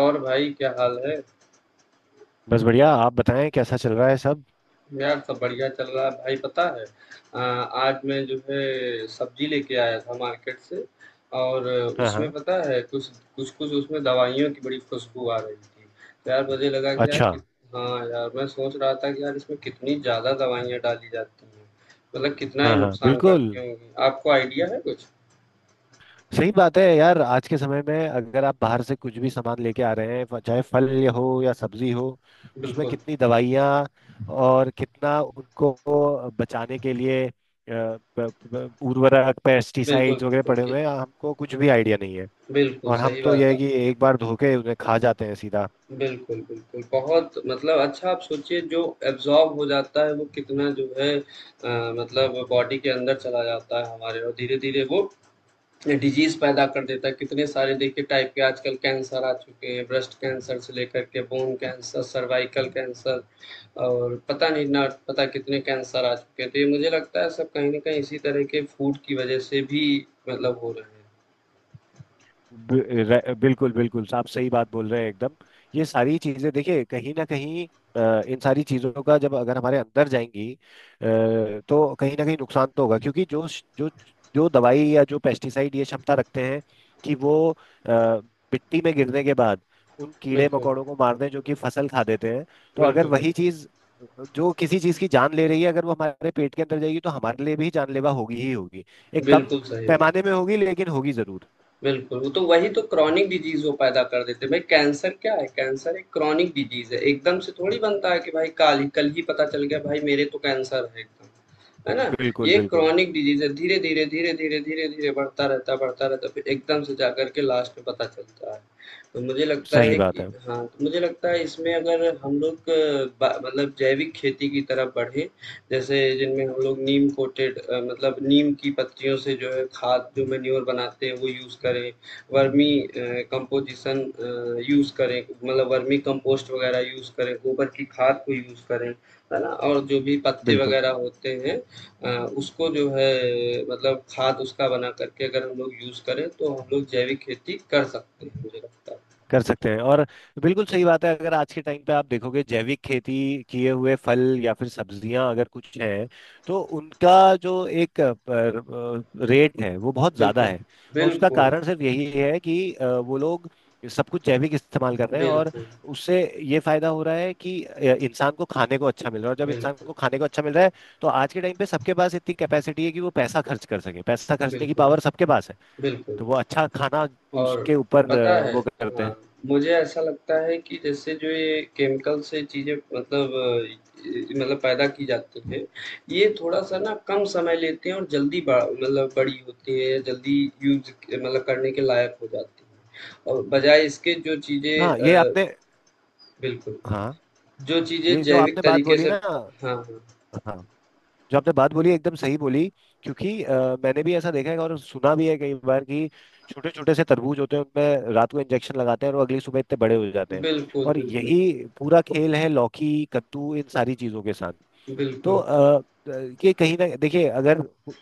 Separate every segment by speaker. Speaker 1: और भाई क्या हाल है?
Speaker 2: बस बढ़िया। आप बताएं, कैसा चल रहा है सब?
Speaker 1: यार सब बढ़िया चल रहा है भाई पता है। आज मैं जो है सब्जी लेके आया था मार्केट से और
Speaker 2: हाँ
Speaker 1: उसमें
Speaker 2: हाँ।
Speaker 1: पता है कुछ कुछ कुछ उसमें दवाइयों की बड़ी खुशबू आ रही थी। तो यार मुझे लगा कि यार
Speaker 2: अच्छा।
Speaker 1: कित हाँ यार मैं सोच रहा था कि यार इसमें कितनी ज़्यादा दवाइयाँ डाली जाती हैं, मतलब कितना ही
Speaker 2: हाँ हाँ,
Speaker 1: नुकसान
Speaker 2: बिल्कुल
Speaker 1: करती होंगी, आपको आइडिया है कुछ?
Speaker 2: सही बात है यार। आज के समय में अगर आप बाहर से कुछ भी सामान लेके आ रहे हैं, चाहे फल या हो या सब्जी हो, उसमें
Speaker 1: बिल्कुल
Speaker 2: कितनी दवाइयाँ और कितना उनको बचाने के लिए प- उर्वरक,
Speaker 1: बिल्कुल
Speaker 2: पेस्टिसाइड्स वगैरह
Speaker 1: बिल्कुल
Speaker 2: पड़े
Speaker 1: कि
Speaker 2: हुए हैं, हमको कुछ भी आइडिया नहीं है।
Speaker 1: बिल्कुल
Speaker 2: और हम
Speaker 1: सही
Speaker 2: तो यह है
Speaker 1: बात।
Speaker 2: कि एक बार धो के उन्हें खा जाते हैं सीधा।
Speaker 1: बिल्कुल, बिल्कुल। बहुत मतलब अच्छा, आप सोचिए जो एब्ज़ॉर्ब हो जाता है वो कितना जो है मतलब बॉडी के अंदर चला जाता है हमारे, और धीरे-धीरे वो डिज़ीज़ पैदा कर देता है। कितने सारे देखिए टाइप के आजकल कैंसर आ चुके हैं, ब्रेस्ट कैंसर से लेकर के बोन कैंसर, सर्वाइकल कैंसर और पता नहीं ना पता कितने कैंसर आ चुके हैं। तो ये मुझे लगता है सब कहीं न कहीं इसी तरह के फूड की वजह से भी मतलब हो रहे हैं।
Speaker 2: बिल्कुल बिल्कुल, आप सही बात बोल रहे हैं एकदम। ये सारी चीजें देखिए कहीं ना कहीं, इन सारी चीजों का जब अगर हमारे अंदर जाएंगी, तो कहीं ना कहीं नुकसान तो होगा। क्योंकि जो जो जो दवाई या जो पेस्टिसाइड, ये क्षमता रखते हैं कि वो अ, मिट्टी में गिरने के बाद उन कीड़े
Speaker 1: बिल्कुल,
Speaker 2: मकोड़ों को मारते हैं जो कि फसल खा देते हैं। तो अगर
Speaker 1: बिल्कुल,
Speaker 2: वही
Speaker 1: बिल्कुल।
Speaker 2: चीज जो किसी चीज की जान ले रही है, अगर वो हमारे पेट के अंदर जाएगी तो हमारे लिए भी जानलेवा होगी ही होगी। एक कम
Speaker 1: बिल्कुल सही
Speaker 2: पैमाने
Speaker 1: बात
Speaker 2: में
Speaker 1: है।
Speaker 2: होगी, लेकिन होगी जरूर।
Speaker 1: बिल्कुल, वो तो वही तो क्रॉनिक डिजीज़ वो पैदा कर देते हैं। भाई कैंसर क्या है? कैंसर एक क्रॉनिक डिजीज़ है। एकदम से थोड़ी बनता है कि भाई काल ही कल ही पता चल गया भाई मेरे तो कैंसर है एकदम। है ना?
Speaker 2: बिल्कुल
Speaker 1: ये
Speaker 2: बिल्कुल।
Speaker 1: क्रॉनिक डिजीज़ है, धीरे-धीरे, धीरे-धीरे, धीरे-धीरे बढ़ता रहता है, बढ़ता रहता है, फिर एकदम से जाकर के लास्ट में पता चलता है। तो मुझे लगता
Speaker 2: सही
Speaker 1: है
Speaker 2: बात
Speaker 1: कि
Speaker 2: है।
Speaker 1: हाँ, तो मुझे लगता है इसमें अगर हम लोग ब मतलब जैविक खेती की तरफ बढ़े, जैसे जिनमें हम लोग नीम कोटेड मतलब नीम की पत्तियों से जो है खाद जो मैन्योर बनाते हैं वो यूज़ करें, वर्मी कंपोज़िशन यूज़ करें, मतलब वर्मी कंपोस्ट वगैरह यूज़ करें, गोबर की खाद को यूज़ करें, है ना? और जो भी पत्ते
Speaker 2: बिल्कुल
Speaker 1: वगैरह होते हैं उसको जो है मतलब खाद उसका बना करके अगर हम लोग यूज़ करें तो हम लोग जैविक खेती कर सकते हैं, मुझे लगता है।
Speaker 2: कर सकते हैं। और बिल्कुल सही बात है। अगर आज के टाइम पे आप देखोगे, जैविक खेती किए हुए फल या फिर सब्जियां अगर कुछ हैं, तो उनका जो एक रेट है, वो बहुत ज्यादा
Speaker 1: बिल्कुल,
Speaker 2: है। और उसका
Speaker 1: बिल्कुल,
Speaker 2: कारण सिर्फ यही है कि वो लोग सब कुछ जैविक इस्तेमाल कर रहे हैं। और
Speaker 1: बिल्कुल,
Speaker 2: उससे ये फायदा हो रहा है कि इंसान को खाने को अच्छा मिल रहा है। और जब इंसान
Speaker 1: बिल्कुल,
Speaker 2: को खाने को अच्छा मिल रहा है, तो आज के टाइम पे सबके पास इतनी कैपेसिटी है कि वो पैसा खर्च कर सके। पैसा खर्चने की
Speaker 1: बिल्कुल,
Speaker 2: पावर सबके पास है।
Speaker 1: बिल्कुल।
Speaker 2: तो वो अच्छा खाना
Speaker 1: और
Speaker 2: उसके ऊपर
Speaker 1: पता है
Speaker 2: वो करते
Speaker 1: हाँ,
Speaker 2: हैं।
Speaker 1: मुझे ऐसा लगता है कि जैसे जो ये केमिकल से चीज़ें मतलब मतलब पैदा की जाती हैं, ये थोड़ा सा ना कम समय लेते हैं और जल्दी बड़ा मतलब बड़ी होती है या जल्दी यूज मतलब करने के लायक हो जाती है, और बजाय इसके जो चीज़ें
Speaker 2: हाँ ये आपने।
Speaker 1: बिल्कुल,
Speaker 2: हाँ,
Speaker 1: जो चीज़ें
Speaker 2: ये जो
Speaker 1: जैविक
Speaker 2: आपने बात
Speaker 1: तरीके
Speaker 2: बोली
Speaker 1: से
Speaker 2: ना।
Speaker 1: हाँ हाँ
Speaker 2: हाँ, जो आपने बात बोली, एकदम सही बोली। क्योंकि मैंने भी ऐसा देखा है और सुना भी है कई बार कि छोटे छोटे से तरबूज होते हैं, उनमें रात को इंजेक्शन लगाते हैं और वो अगली सुबह इतने बड़े हो जाते हैं।
Speaker 1: बिल्कुल
Speaker 2: और
Speaker 1: बिल्कुल
Speaker 2: यही पूरा खेल है लौकी, कद्दू, इन सारी चीजों के साथ। तो
Speaker 1: बिल्कुल
Speaker 2: अ, अ, ये कहीं ना देखिए, अगर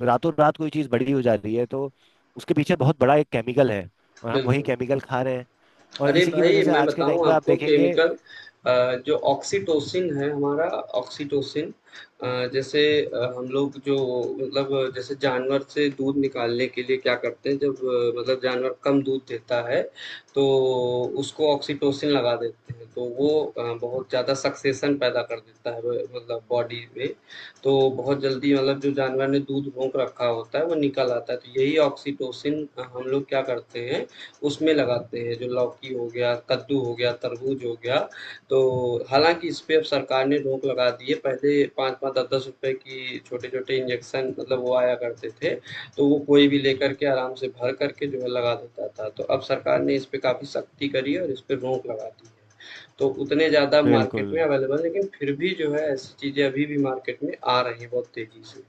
Speaker 2: रातों रात कोई चीज बड़ी हो जा रही है, तो उसके पीछे बहुत बड़ा एक केमिकल है। और हम वही
Speaker 1: बिल्कुल।
Speaker 2: केमिकल खा रहे हैं। और
Speaker 1: अरे
Speaker 2: इसी की
Speaker 1: भाई
Speaker 2: वजह से
Speaker 1: मैं
Speaker 2: आज के टाइम
Speaker 1: बताऊं
Speaker 2: पे आप
Speaker 1: आपको,
Speaker 2: देखेंगे।
Speaker 1: केमिकल जो ऑक्सीटोसिन है हमारा, ऑक्सीटोसिन जैसे
Speaker 2: हम्म,
Speaker 1: हम लोग जो मतलब जैसे जानवर से दूध निकालने के लिए क्या करते हैं जब मतलब जानवर कम दूध देता है तो उसको ऑक्सीटोसिन लगा देते हैं तो वो बहुत ज़्यादा सक्सेशन पैदा कर देता है मतलब बॉडी में, तो बहुत जल्दी मतलब जो जानवर ने दूध रोक रखा होता है वो निकल आता है, तो यही ऑक्सीटोसिन हम लोग क्या करते हैं, उसमें लगाते हैं, जो लौकी हो गया, कद्दू हो गया, तरबूज हो गया। तो
Speaker 2: हम्म,
Speaker 1: हालाँकि इस पे अब सरकार ने रोक लगा दी है, पहले 5-5, 10-10 रुपए की छोटे-छोटे इंजेक्शन मतलब वो आया करते थे, तो वो कोई भी
Speaker 2: हम्म।
Speaker 1: लेकर के आराम से भर करके जो है लगा देता था। तो अब सरकार ने इस पे काफ़ी सख्ती करी है और इस पे रोक लगा दी है। तो उतने ज़्यादा मार्केट
Speaker 2: बिल्कुल
Speaker 1: में अवेलेबल है, लेकिन फिर भी जो है ऐसी चीज़ें अभी भी मार्केट में आ रही हैं बहुत तेज़ी से।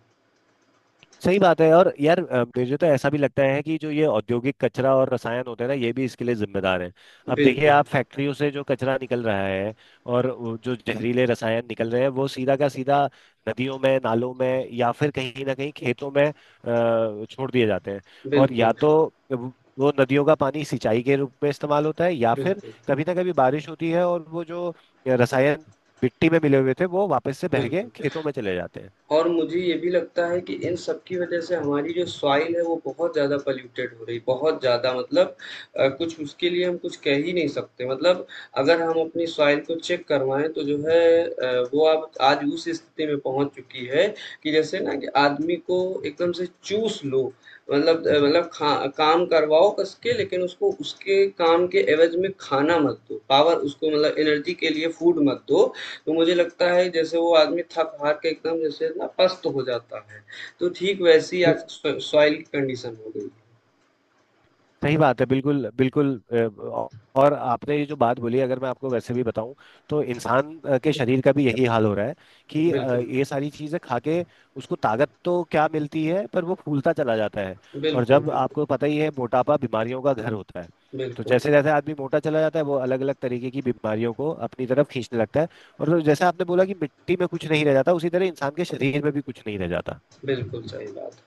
Speaker 2: सही बात है। और यार, मुझे तो ऐसा भी लगता है कि जो ये औद्योगिक कचरा और रसायन होते हैं ना, ये भी इसके लिए जिम्मेदार हैं। अब देखिए,
Speaker 1: बिल्कुल,
Speaker 2: आप फैक्ट्रियों से जो कचरा निकल रहा है और वो जो जहरीले रसायन निकल रहे हैं, वो सीधा का सीधा नदियों में, नालों में, या फिर कहीं ना कहीं खेतों में छोड़ दिए जाते हैं। और या
Speaker 1: बिल्कुल,
Speaker 2: तो वो नदियों का पानी सिंचाई के रूप में इस्तेमाल होता है, या फिर
Speaker 1: बिल्कुल,
Speaker 2: कभी ना कभी बारिश होती है और वो जो रसायन मिट्टी में मिले हुए थे, वो वापस से बह के
Speaker 1: बिल्कुल।
Speaker 2: खेतों में चले जाते हैं।
Speaker 1: और मुझे ये भी लगता है कि इन सब की वजह से हमारी जो सॉइल है वो बहुत ज़्यादा पॉल्यूटेड हो रही, बहुत ज़्यादा मतलब कुछ उसके लिए हम कुछ कह ही नहीं सकते, मतलब अगर हम अपनी सॉइल को चेक करवाएं तो जो है वो आप आज उस स्थिति में पहुंच चुकी है कि जैसे ना कि आदमी को एकदम से चूस लो, मतलब मतलब खा काम करवाओ कस के लेकिन उसको उसके काम के एवज में खाना मत दो, पावर उसको मतलब एनर्जी के लिए फूड मत दो, तो मुझे लगता है जैसे वो आदमी थक-हार के एकदम जैसे ना पस्त हो जाता है, तो ठीक वैसी आज सॉ सॉइल की कंडीशन हो गई है।
Speaker 2: सही बात है, बिल्कुल बिल्कुल। और आपने ये जो बात बोली, अगर मैं आपको वैसे भी बताऊं, तो इंसान के शरीर का भी यही हाल हो रहा है कि
Speaker 1: बिल्कुल,
Speaker 2: ये सारी चीजें खा के उसको ताकत तो क्या मिलती है, पर वो फूलता चला जाता है। और
Speaker 1: बिल्कुल,
Speaker 2: जब
Speaker 1: बिल्कुल,
Speaker 2: आपको पता ही है मोटापा बीमारियों का घर होता है, तो
Speaker 1: बिल्कुल।
Speaker 2: जैसे जैसे आदमी मोटा चला जाता है, वो अलग अलग तरीके की बीमारियों को अपनी तरफ खींचने लगता है। और फिर जैसे आपने बोला कि मिट्टी में कुछ नहीं रह जाता, उसी तरह इंसान के शरीर में भी कुछ नहीं रह जाता।
Speaker 1: बिल्कुल सही बात है।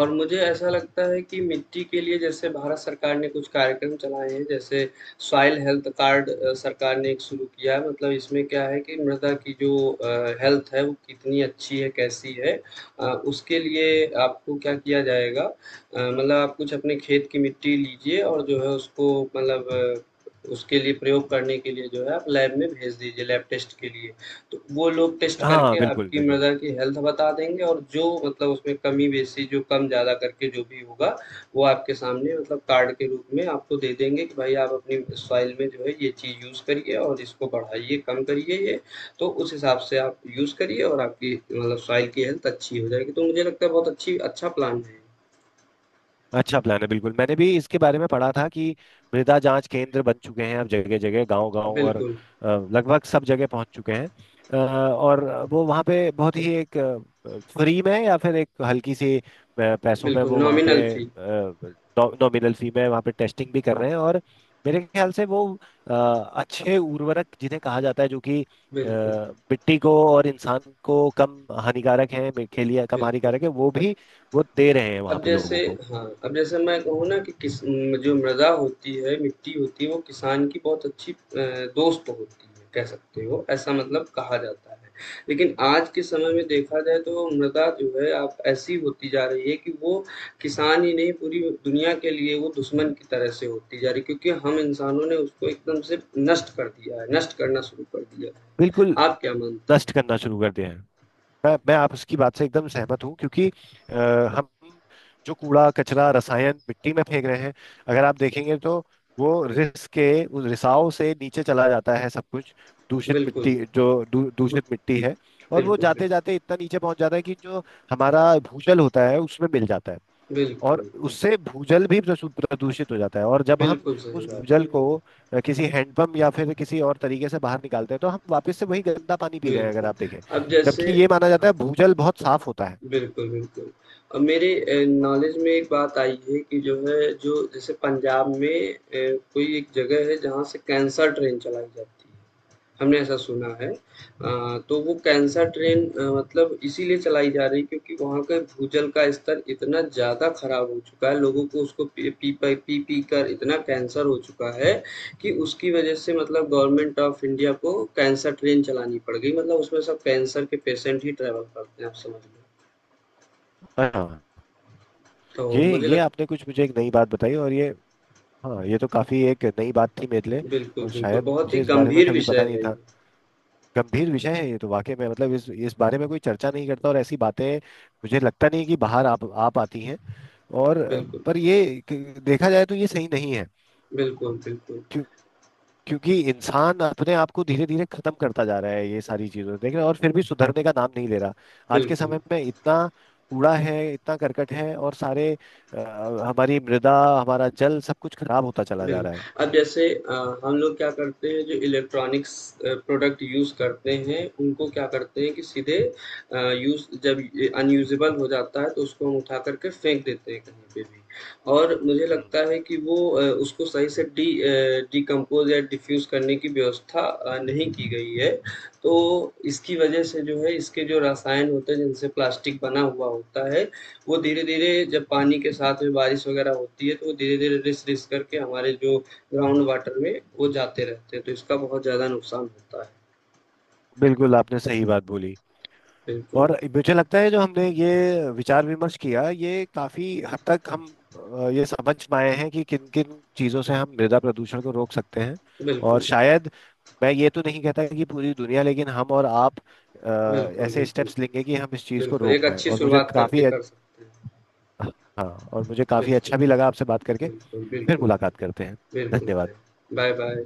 Speaker 1: और मुझे ऐसा लगता है कि मिट्टी के लिए जैसे भारत सरकार ने कुछ कार्यक्रम चलाए हैं, जैसे सॉइल हेल्थ कार्ड सरकार ने एक शुरू किया है, मतलब इसमें क्या है कि मृदा की जो हेल्थ है वो कितनी अच्छी है, कैसी है, अ, उसके लिए आपको क्या किया जाएगा, मतलब आप कुछ अपने खेत की मिट्टी लीजिए और जो है उसको मतलब अ, उसके लिए प्रयोग करने के लिए जो है आप लैब में भेज दीजिए, लैब टेस्ट के लिए। तो वो लोग टेस्ट
Speaker 2: हाँ,
Speaker 1: करके
Speaker 2: बिल्कुल
Speaker 1: आपकी
Speaker 2: बिल्कुल।
Speaker 1: मदर की हेल्थ बता देंगे, और जो मतलब उसमें कमी-बेशी जो कम-ज़्यादा करके जो भी होगा, वो आपके सामने मतलब कार्ड के रूप में आपको दे देंगे कि भाई आप अपनी सॉइल में जो है ये चीज़ यूज़ करिए और इसको बढ़ाइए, कम करिए ये। तो उस हिसाब से आप यूज़ करिए और आपकी मतलब सॉइल की हेल्थ अच्छी हो जाएगी। तो मुझे लगता है बहुत अच्छी अच्छा प्लान है।
Speaker 2: अच्छा प्लान है, बिल्कुल। मैंने भी इसके बारे में पढ़ा था कि मृदा जांच केंद्र बन चुके हैं अब जगह जगह, गांव गांव, और
Speaker 1: बिल्कुल,
Speaker 2: लगभग सब जगह पहुंच चुके हैं। और वो वहाँ पे बहुत ही एक फ्री में या फिर एक हल्की सी पैसों में
Speaker 1: बिल्कुल,
Speaker 2: वो वहाँ पे,
Speaker 1: नॉमिनल फ़ी।
Speaker 2: नॉमिनल फी में वहाँ पे टेस्टिंग भी कर रहे हैं। और मेरे ख्याल से वो अच्छे उर्वरक जिन्हें कहा जाता है, जो कि
Speaker 1: बिल्कुल,
Speaker 2: मिट्टी को और इंसान को कम हानिकारक हैं, के लिए कम
Speaker 1: बिल्कुल।
Speaker 2: हानिकारक है, वो भी वो दे रहे हैं वहाँ
Speaker 1: अब
Speaker 2: पे
Speaker 1: जैसे
Speaker 2: लोगों को।
Speaker 1: हाँ, अब जैसे मैं कहूँ ना कि किस म जो मृदा होती है, मिट्टी होती है, वो किसान की बहुत अच्छी दोस्त होती है, कह सकते हो, ऐसा मतलब कहा जाता है। लेकिन आज के समय में देखा जाए तो मृदा जो है अब ऐसी होती जा रही है कि वो किसान ही नहीं, पूरी दुनिया के लिए वो दुश्मन की तरह से होती जा रही है, क्योंकि हम इंसानों ने उसको एकदम से नष्ट कर दिया है, नष्ट करना शुरू कर दिया
Speaker 2: बिल्कुल।
Speaker 1: है। आप क्या मानते हैं?
Speaker 2: नष्ट करना शुरू कर दिया है। मैं आप उसकी बात से एकदम सहमत हूँ। क्योंकि हम जो कूड़ा कचरा, रसायन मिट्टी में फेंक रहे हैं, अगर आप देखेंगे तो वो रिस के, उस रिसाव से नीचे चला जाता है सब कुछ। दूषित
Speaker 1: बिल्कुल,
Speaker 2: मिट्टी, जो दूषित मिट्टी है, और वो
Speaker 1: बिल्कुल,
Speaker 2: जाते
Speaker 1: बिल्कुल,
Speaker 2: जाते इतना नीचे पहुंच जाता है कि जो हमारा भूजल होता है उसमें मिल जाता है। और
Speaker 1: बिल्कुल,
Speaker 2: उससे भूजल भी प्रदूषित हो जाता है। और जब हम
Speaker 1: बिल्कुल सही
Speaker 2: उस
Speaker 1: बात
Speaker 2: भूजल को
Speaker 1: है।
Speaker 2: किसी हैंडपंप या फिर किसी और तरीके से बाहर निकालते हैं, तो हम वापस से वही गंदा पानी पी रहे हैं, अगर
Speaker 1: बिल्कुल,
Speaker 2: आप देखें।
Speaker 1: अब जैसे
Speaker 2: जबकि ये माना
Speaker 1: हाँ,
Speaker 2: जाता है भूजल बहुत साफ होता है।
Speaker 1: बिल्कुल, बिल्कुल। अब मेरे नॉलेज में एक बात आई है कि जो है जो जैसे पंजाब में कोई एक जगह है जहाँ से कैंसर ट्रेन चलाई जाती है। हमने ऐसा सुना है। तो वो कैंसर ट्रेन मतलब इसीलिए चलाई जा रही है क्योंकि वहाँ का भूजल का स्तर इतना ज़्यादा खराब हो चुका है, लोगों को उसको पी पी प पी पी कर इतना कैंसर हो चुका है कि उसकी वजह से मतलब गवर्नमेंट ऑफ इंडिया को कैंसर ट्रेन चलानी पड़ गई। मतलब उसमें सब कैंसर के पेशेंट ही ट्रैवल करते हैं, आप समझ लो।
Speaker 2: हाँ।
Speaker 1: तो
Speaker 2: ये
Speaker 1: मुझे
Speaker 2: ये
Speaker 1: लग
Speaker 2: आपने कुछ मुझे एक नई बात बताई। और ये, हाँ, ये तो काफी एक नई बात थी मेरे लिए।
Speaker 1: बिल्कुल,
Speaker 2: और
Speaker 1: बिल्कुल,
Speaker 2: शायद
Speaker 1: बहुत ही
Speaker 2: मुझे इस बारे में
Speaker 1: गंभीर
Speaker 2: कभी पता
Speaker 1: विषय
Speaker 2: नहीं
Speaker 1: है ये।
Speaker 2: था। गंभीर विषय है ये, तो वाकई में मतलब इस बारे में कोई चर्चा नहीं करता। और ऐसी बातें मुझे लगता नहीं कि बाहर आप आ पाती हैं। और
Speaker 1: बिल्कुल,
Speaker 2: पर ये देखा जाए तो ये सही नहीं है।
Speaker 1: बिल्कुल, बिल्कुल,
Speaker 2: क्यों? क्योंकि इंसान अपने आप को धीरे धीरे खत्म करता जा रहा है, ये सारी चीजों से देख रहे हैं और फिर भी सुधरने का नाम नहीं ले रहा। आज के
Speaker 1: बिल्कुल।
Speaker 2: समय में इतना कूड़ा है, इतना करकट है, और सारे अ, हमारी मृदा, हमारा जल, सब कुछ खराब होता चला जा रहा है।
Speaker 1: बिल्कुल। अब जैसे हम लोग क्या करते हैं जो इलेक्ट्रॉनिक्स प्रोडक्ट यूज़ करते हैं, उनको क्या करते हैं कि सीधे यूज़ जब ये अनयूज़ेबल हो जाता है तो उसको हम उठा कर के फेंक देते हैं कहीं पे भी। और मुझे
Speaker 2: हम्म हम्म।
Speaker 1: लगता है कि वो उसको सही से डिकम्पोज़ या डिफ्यूज़ करने की व्यवस्था नहीं की गई है। तो इसकी वज़ह से जो है इसके जो रसायन होते हैं जिनसे प्लास्टिक बना हुआ होता है, वो धीरे-धीरे जब पानी के साथ में बारिश वग़ैरह होती है, तो वो धीरे-धीरे रिस-रिस करके हमारे जो ग्राउंड वाटर में वो जाते रहते हैं, तो इसका बहुत ज़्यादा नुकसान होता है।
Speaker 2: बिल्कुल आपने सही बात बोली।
Speaker 1: बिल्कुल,
Speaker 2: और मुझे लगता है जो हमने ये विचार विमर्श किया, ये काफी हद तक हम ये समझ पाए हैं कि किन किन चीजों से हम मृदा प्रदूषण को रोक सकते हैं। और
Speaker 1: बिल्कुल,
Speaker 2: शायद मैं ये तो नहीं कहता कि पूरी दुनिया, लेकिन हम और आप अ,
Speaker 1: बिल्कुल,
Speaker 2: ऐसे
Speaker 1: बिल्कुल,
Speaker 2: स्टेप्स लेंगे कि हम इस चीज को
Speaker 1: बिल्कुल,
Speaker 2: रोक
Speaker 1: एक
Speaker 2: पाए।
Speaker 1: अच्छी
Speaker 2: और मुझे
Speaker 1: शुरुआत करके
Speaker 2: काफी
Speaker 1: कर सकते हैं।
Speaker 2: हाँ, और मुझे काफी
Speaker 1: बिल्कुल,
Speaker 2: अच्छा भी लगा आपसे बात करके।
Speaker 1: बिल्कुल,
Speaker 2: फिर
Speaker 1: बिल्कुल भाई।
Speaker 2: मुलाकात करते हैं।
Speaker 1: बिल्कुल
Speaker 2: धन्यवाद।
Speaker 1: भाई। बाय-बाय।